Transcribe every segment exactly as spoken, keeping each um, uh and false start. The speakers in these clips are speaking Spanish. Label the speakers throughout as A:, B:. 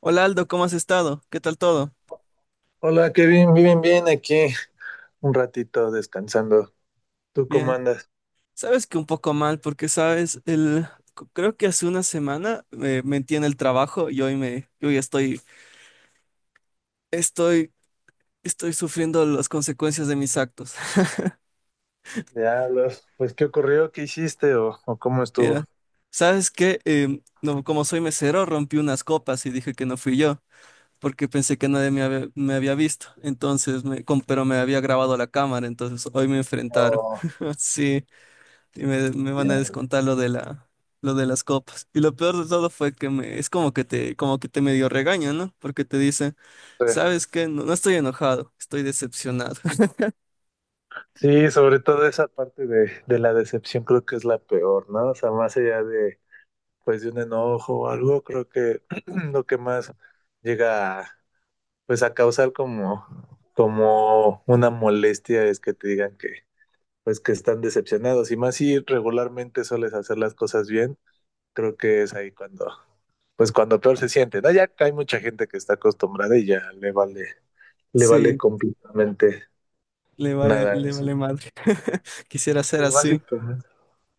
A: Hola Aldo, ¿cómo has estado? ¿Qué tal todo?
B: Hola Kevin, bien, bien, aquí un ratito descansando. ¿Tú cómo
A: Bien.
B: andas?
A: Sabes que un poco mal porque, sabes, el, c- creo que hace una semana me metí en el trabajo y hoy me, yo ya estoy, estoy, estoy sufriendo las consecuencias de mis actos.
B: Ya, los- pues, ¿qué ocurrió? ¿Qué hiciste o, o cómo
A: Mira,
B: estuvo?
A: ¿sabes qué? Em, no, como soy mesero, rompí unas copas y dije que no fui yo porque pensé que nadie me había, me había visto. Entonces, me, com- pero me había grabado la cámara, entonces hoy me enfrentaron.
B: Oh,
A: Sí. Y me, me van a
B: ya
A: descontar lo de la, lo de las copas. Y lo peor de todo fue que me, es como que te, como que te medio regaña, ¿no? Porque te dice,
B: sé.
A: ¿sabes qué? No, no estoy enojado, estoy decepcionado.
B: Sí, sobre todo esa parte de, de la decepción, creo que es la peor, ¿no? O sea, más allá de, pues, de un enojo o algo, creo que lo que más llega a, pues, a causar, como, como una molestia, es que te digan que, pues, que están decepcionados. Y más si regularmente sueles hacer las cosas bien, creo que es ahí cuando, pues, cuando peor se siente, ¿no? Ya hay mucha gente que está acostumbrada y ya le vale, le vale
A: Sí,
B: completamente
A: le vale,
B: nada
A: le
B: eso.
A: vale madre. Quisiera ser
B: Y
A: así.
B: básicamente.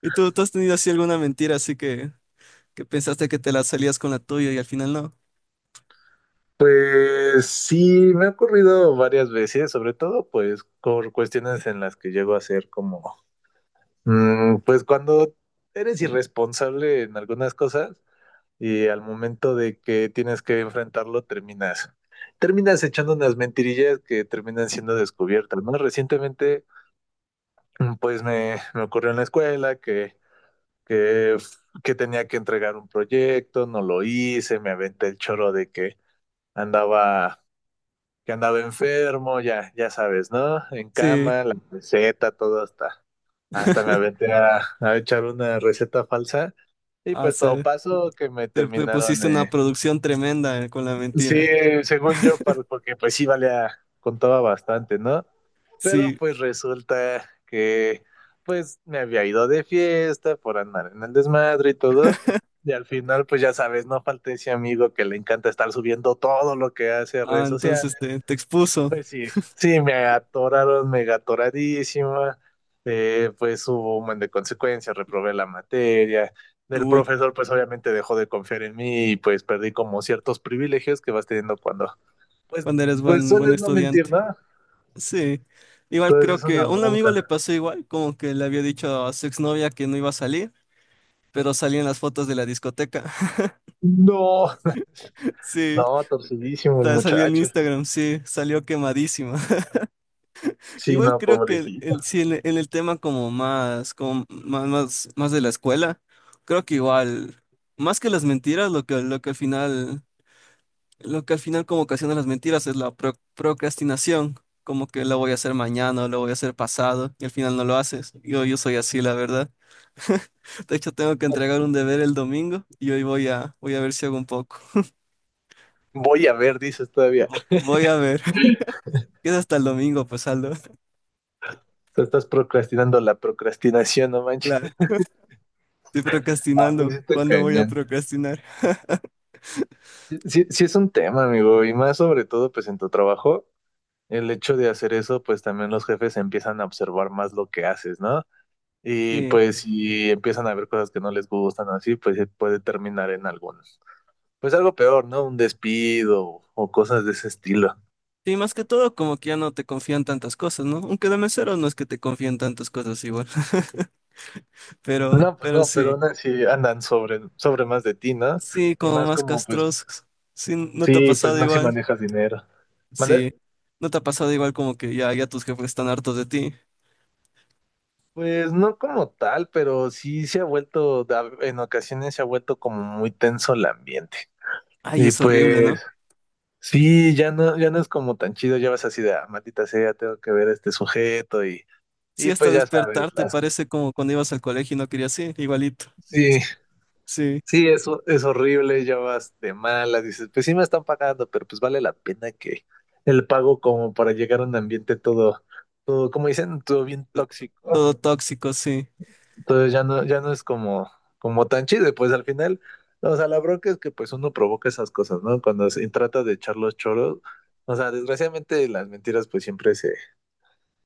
A: ¿Y tú, tú has tenido así alguna mentira así que, que pensaste que te la salías con la tuya y al final no?
B: Pues sí, me ha ocurrido varias veces, sobre todo pues por cuestiones en las que llego a ser como, mm, pues, cuando eres irresponsable en algunas cosas y al momento de que tienes que enfrentarlo, terminas, terminas echando unas mentirillas que terminan siendo descubiertas, ¿no? Recientemente, pues me, me ocurrió en la escuela que, que, que tenía que entregar un proyecto, no lo hice, me aventé el choro de que andaba, que andaba enfermo, ya, ya sabes, ¿no? En
A: Sí.
B: cama, la receta, todo, hasta, hasta me aventé a, a echar una receta falsa, y
A: Ah,
B: pues todo
A: sí.
B: pasó que me
A: Te, te
B: terminaron,
A: pusiste una
B: eh,
A: producción tremenda eh, con la
B: sí,
A: mentira.
B: según yo, para- porque pues sí valía, contaba bastante, ¿no? Pero
A: Sí.
B: pues resulta que pues me había ido de fiesta por andar en el desmadre y todo. Y al final, pues ya sabes, no falta ese amigo que le encanta estar subiendo todo lo que hace a
A: Ah,
B: redes sociales.
A: entonces te, te expuso.
B: Pues sí, sí, me atoraron mega atoradísima. Eh, pues hubo un buen de consecuencias, reprobé la materia. El
A: Uy.
B: profesor pues obviamente dejó de confiar en mí, y pues perdí como ciertos privilegios que vas teniendo cuando, pues,
A: Cuando eres
B: pues
A: buen, buen
B: sueles no mentir,
A: estudiante.
B: ¿no?
A: Sí, igual creo
B: Entonces es
A: que
B: una
A: a un amigo
B: bronca.
A: le pasó igual, como que le había dicho a su exnovia que no iba a salir, pero salían las fotos de la discoteca.
B: No,
A: Sí,
B: no, torcidísimo el
A: ta- salió en
B: muchacho.
A: Instagram, sí, salió quemadísima.
B: Sí,
A: Igual
B: no,
A: creo que el,
B: pobrecito.
A: el- sí, en, el en el tema como más, como más, más, más de la escuela, creo que igual, más que las mentiras, lo que, lo que al final. Lo que al final como ocasiona las mentiras es la pro- procrastinación, como que lo voy a hacer mañana o lo voy a hacer pasado y al final no lo haces. Yo, yo soy así, la verdad. De hecho, tengo que entregar un deber el domingo y hoy voy a, voy a ver si hago un poco.
B: Voy a ver, dices todavía.
A: Vo- voy a ver. Queda hasta el domingo, pues Aldo.
B: Te estás procrastinando la procrastinación, no manches.
A: Claro, estoy
B: Ah, pues
A: procrastinando.
B: sí está
A: ¿Cuándo voy a
B: cañón.
A: procrastinar?
B: Sí, sí es un tema, amigo, y más sobre todo pues en tu trabajo, el hecho de hacer eso, pues también los jefes empiezan a observar más lo que haces, ¿no? Y
A: Sí.
B: pues si empiezan a ver cosas que no les gustan o así, pues puede terminar en algunos. Pues algo peor, ¿no? Un despido o cosas de ese estilo.
A: Sí, más que todo, como que ya no te confían tantas cosas, ¿no? Aunque de mesero no es que te confían tantas cosas igual, pero,
B: No, pues
A: pero
B: no, pero
A: sí.
B: aún así andan sobre, sobre más de ti, ¿no?
A: Sí,
B: Y
A: como
B: más
A: más
B: como, pues,
A: castrosos. Sí, ¿no te ha
B: sí, pues
A: pasado
B: más si
A: igual?
B: manejas dinero. ¿Mande?
A: Sí, ¿no te ha pasado igual como que ya, ya tus jefes están hartos de ti?
B: Pues no como tal, pero sí se ha vuelto, da- en ocasiones se ha vuelto como muy tenso el ambiente.
A: Ay,
B: Y
A: es horrible, ¿no?
B: pues, sí, ya no, ya no es como tan chido, ya vas así de, ah, maldita sea, tengo que ver a este sujeto, y,
A: Sí,
B: y pues
A: hasta
B: ya sabes,
A: despertarte
B: las,
A: parece como cuando ibas al colegio y no querías ir, igualito.
B: sí.
A: Sí,
B: Sí, eso es horrible, ya vas de malas, dices, pues sí me están pagando, pero pues vale la pena que el pago como para llegar a un ambiente todo, todo, como dicen, todo bien tóxico.
A: todo tóxico, sí,
B: Entonces ya no, ya no es como, como tan chido, y pues al final, o sea, la bronca es que pues uno provoca esas cosas, ¿no? Cuando se trata de echar los choros, o sea, desgraciadamente las mentiras pues siempre se,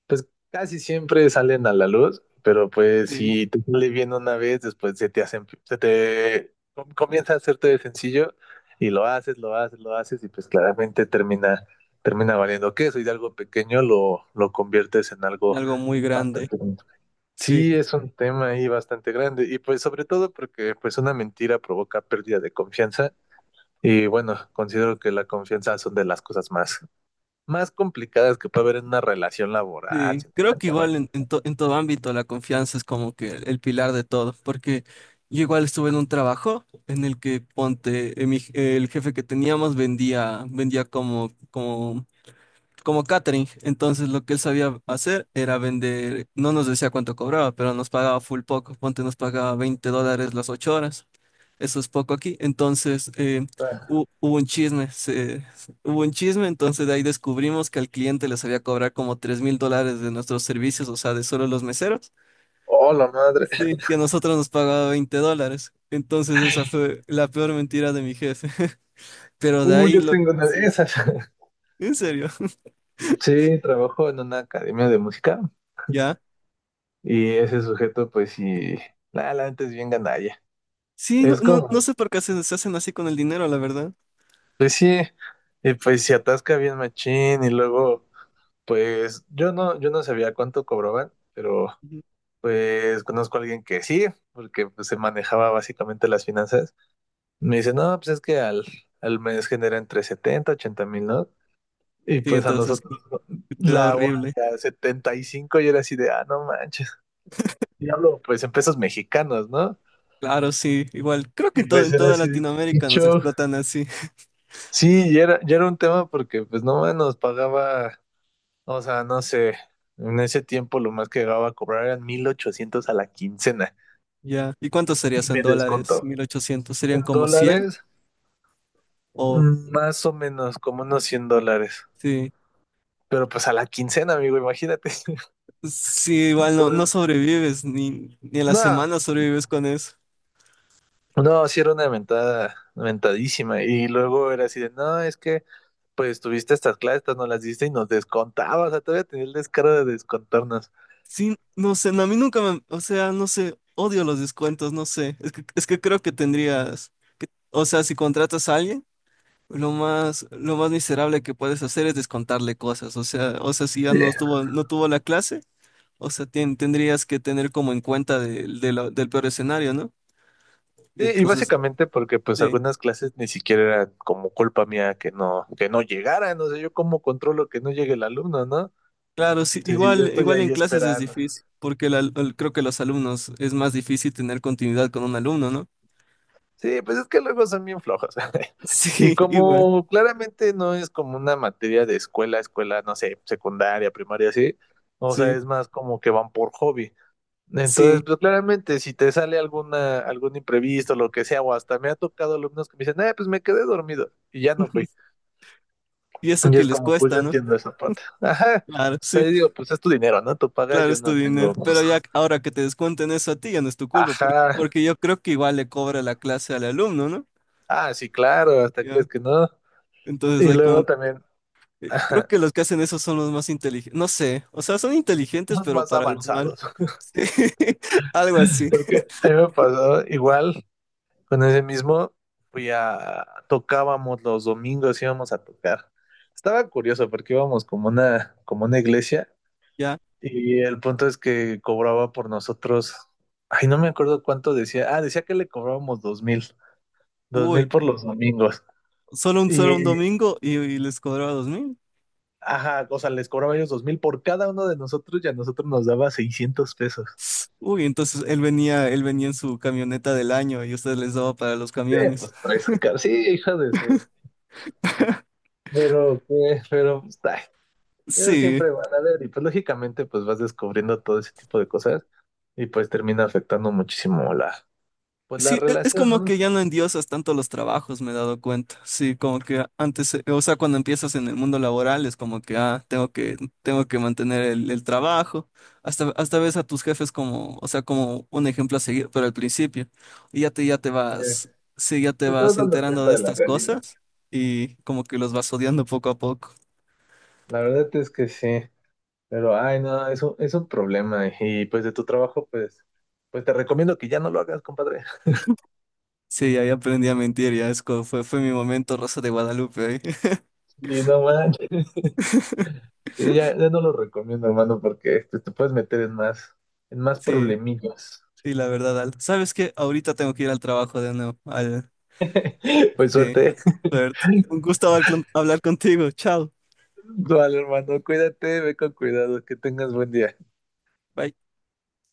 B: pues casi siempre salen a la luz, pero pues
A: sí,
B: si te sale bien una vez, después se te hacen, se te com- comienza a hacerte de sencillo, y lo haces, lo haces, lo haces, y pues claramente termina, termina valiendo queso, y de algo pequeño lo, lo conviertes en algo
A: algo muy grande,
B: bastante grande.
A: sí,
B: Sí, es un tema ahí bastante grande, y pues sobre todo porque pues una mentira provoca pérdida de confianza. Y bueno, considero que la confianza son de las cosas más, más complicadas que puede haber en una relación laboral,
A: sí. Creo que
B: sentimental, ¿no?
A: igual en, en to- en todo ámbito la confianza es como que el, el pilar de todo, porque yo igual estuve en un trabajo en el que ponte, eh, mi- el jefe que teníamos vendía, vendía como, como como catering. Entonces lo que él sabía hacer era vender, no nos decía cuánto cobraba, pero nos pagaba full poco. Ponte nos pagaba veinte dólares las ocho horas. Eso es poco aquí. Entonces eh, hu- hubo un chisme, se- hubo un chisme, entonces de ahí descubrimos que al cliente les había cobrado como tres mil dólares de nuestros servicios, o sea, de solo los meseros.
B: Oh, la madre.
A: Sí. Y a nosotros nos pagaba veinte dólares. Entonces esa fue la peor mentira de mi jefe. Pero de
B: Uy,
A: ahí
B: yo
A: lo...
B: tengo una de
A: Sí,
B: esas.
A: en serio.
B: Sí, trabajo en una academia de música,
A: ¿Ya?
B: y ese sujeto, pues sí, la, la neta es bien gandalla.
A: Sí, no,
B: Es
A: no, no
B: como,
A: sé por qué se, se hacen así con el dinero, la verdad.
B: pues sí, y pues se atasca bien machín, y luego, pues yo no, yo no sabía cuánto cobraban, pero
A: Ujú.
B: pues conozco a alguien que sí, porque pues se manejaba básicamente las finanzas. Me dice, no, pues es que al, al mes genera entre setenta ochenta mil, ¿no? Y
A: Sí,
B: pues a
A: entonces
B: nosotros
A: te da
B: la hora
A: horrible.
B: era setenta y cinco, y era así de, ah, no manches. Y hablo pues en pesos mexicanos, ¿no?
A: Claro, sí, igual. Creo que
B: Y
A: en todo,
B: pues
A: en
B: era
A: toda
B: así de: "Qué
A: Latinoamérica nos
B: show".
A: explotan así.
B: Sí, y era, ya era un tema porque pues no más nos pagaba, o sea, no sé, en ese tiempo lo más que llegaba a cobrar eran mil ochocientos a la quincena.
A: Ya. ¿Y cuánto sería
B: Y
A: eso en
B: me
A: dólares?
B: descontó.
A: Mil ochocientos. ¿Serían
B: En
A: como cien?
B: dólares,
A: O
B: mm, más o menos como unos cien dólares.
A: sí.
B: Pero pues a la quincena, amigo, imagínate.
A: Sí, igual no, no
B: Entonces,
A: sobrevives, ni, ni en la
B: nada,
A: semana sobrevives con eso.
B: no, sí era una mentada, mentadísima. Y luego era así de, no, es que pues tuviste estas clases, estas no las diste y nos descontabas, o sea, todavía tenía el descaro de descontarnos.
A: Sí, no sé, no, a mí nunca me, o sea, no sé, odio los descuentos, no sé. Es que, es que creo que tendrías, o sea, si contratas a alguien. Lo más, lo más miserable que puedes hacer es descontarle cosas. O sea, o sea, si ya
B: Sí.
A: no tuvo, no tuvo la clase, o sea, tien- tendrías que tener como en cuenta del de la- del peor escenario, ¿no? Y
B: Sí, y
A: entonces,
B: básicamente porque pues
A: sí,
B: algunas clases ni siquiera eran como culpa mía que no, que no, llegaran, o sea, yo cómo controlo que no llegue el alumno, ¿no?
A: claro, sí,
B: Entonces yo
A: igual,
B: estoy
A: igual en
B: ahí
A: clases es
B: esperando.
A: difícil, porque la- el- creo que los alumnos es más difícil tener continuidad con un alumno, ¿no?
B: Sí, pues es que luego son bien flojos. Y
A: Sí, igual,
B: como claramente no es como una materia de escuela, escuela, no sé, secundaria, primaria, así, o sea,
A: sí,
B: es más como que van por hobby. Entonces,
A: sí.
B: pues claramente si te sale alguna, algún imprevisto, lo que sea, o hasta me ha tocado alumnos que me dicen, eh, pues me quedé dormido y ya no fui.
A: Y eso
B: Y
A: que
B: es
A: les
B: como, pues
A: cuesta,
B: yo
A: ¿no?
B: entiendo esa parte. Ajá.
A: Claro,
B: O sea,
A: sí.
B: yo digo, pues es tu dinero, ¿no? Tú pagas,
A: Claro,
B: yo
A: es tu
B: no
A: dinero,
B: tengo,
A: pero
B: pues,
A: ya ahora que te descuenten eso a ti ya no es tu culpa, porque,
B: ajá.
A: porque yo creo que igual le cobra la clase al alumno, ¿no?
B: Ah, sí, claro, hasta
A: Ya.
B: crees que no.
A: Entonces
B: Y
A: hay como,
B: luego también...
A: eh, creo que los que hacen eso son los más inteligentes, no sé, o sea, son inteligentes,
B: los
A: pero
B: más
A: para lo mal.
B: avanzados.
A: Sí, algo así,
B: Porque a mí me pasó igual con ese mismo, fui a, tocábamos los domingos, íbamos a tocar. Estaba curioso porque íbamos como una, como una iglesia,
A: ya.
B: y el punto es que cobraba por nosotros, ay, no me acuerdo cuánto decía, ah, decía que le cobrábamos dos mil, dos mil
A: Uy,
B: por los domingos.
A: solo un,
B: Y,
A: solo un domingo y, y les cobraba dos mil.
B: ajá, o sea, les cobraba ellos dos mil por cada uno de nosotros, y a nosotros nos daba seiscientos pesos.
A: Uy, entonces él venía, él venía en su camioneta del año y ustedes les daba para los
B: Sí,
A: camiones.
B: pues tres, car- sí, hija de su. Pero, eh, pero, pues, ay, eso
A: Sí,
B: siempre van a ver. Y pues lógicamente pues vas descubriendo todo ese tipo de cosas, y pues termina afectando muchísimo la, pues la
A: sí, e- es
B: relación,
A: como que
B: ¿no?
A: ya no endiosas tanto los trabajos, me he dado cuenta. Sí, como que antes, eh, o sea, cuando empiezas en el mundo laboral es como que, ah, tengo que, tengo que mantener el, el trabajo. Hasta, hasta ves a tus jefes como, o sea, como un ejemplo a seguir, pero al principio. Y ya te, ya te
B: Eh,
A: vas, sí, ya te
B: pues te vas
A: vas
B: dando
A: enterando
B: cuenta
A: de
B: de la
A: estas
B: realidad.
A: cosas y como que los vas odiando poco a poco.
B: La verdad es que sí, pero, ay, no, es un, es un problema. Y pues de tu trabajo, pues, pues te recomiendo que ya no lo hagas, compadre.
A: Sí, ahí aprendí a mentir, ya es como fue, fue mi momento Rosa de Guadalupe ahí.
B: Y no manches, y ya, ya no lo recomiendo, hermano, porque pues te puedes meter en más, en más,
A: Sí,
B: problemillas.
A: sí, la verdad, Al. ¿Sabes qué? Ahorita tengo que ir al trabajo de nuevo. Al-
B: Pues
A: Sí,
B: suerte.
A: suerte. Un gusto hablar con- hablar contigo. Chao.
B: Vale, hermano, cuídate, ve con cuidado, que tengas buen día.
A: Bye.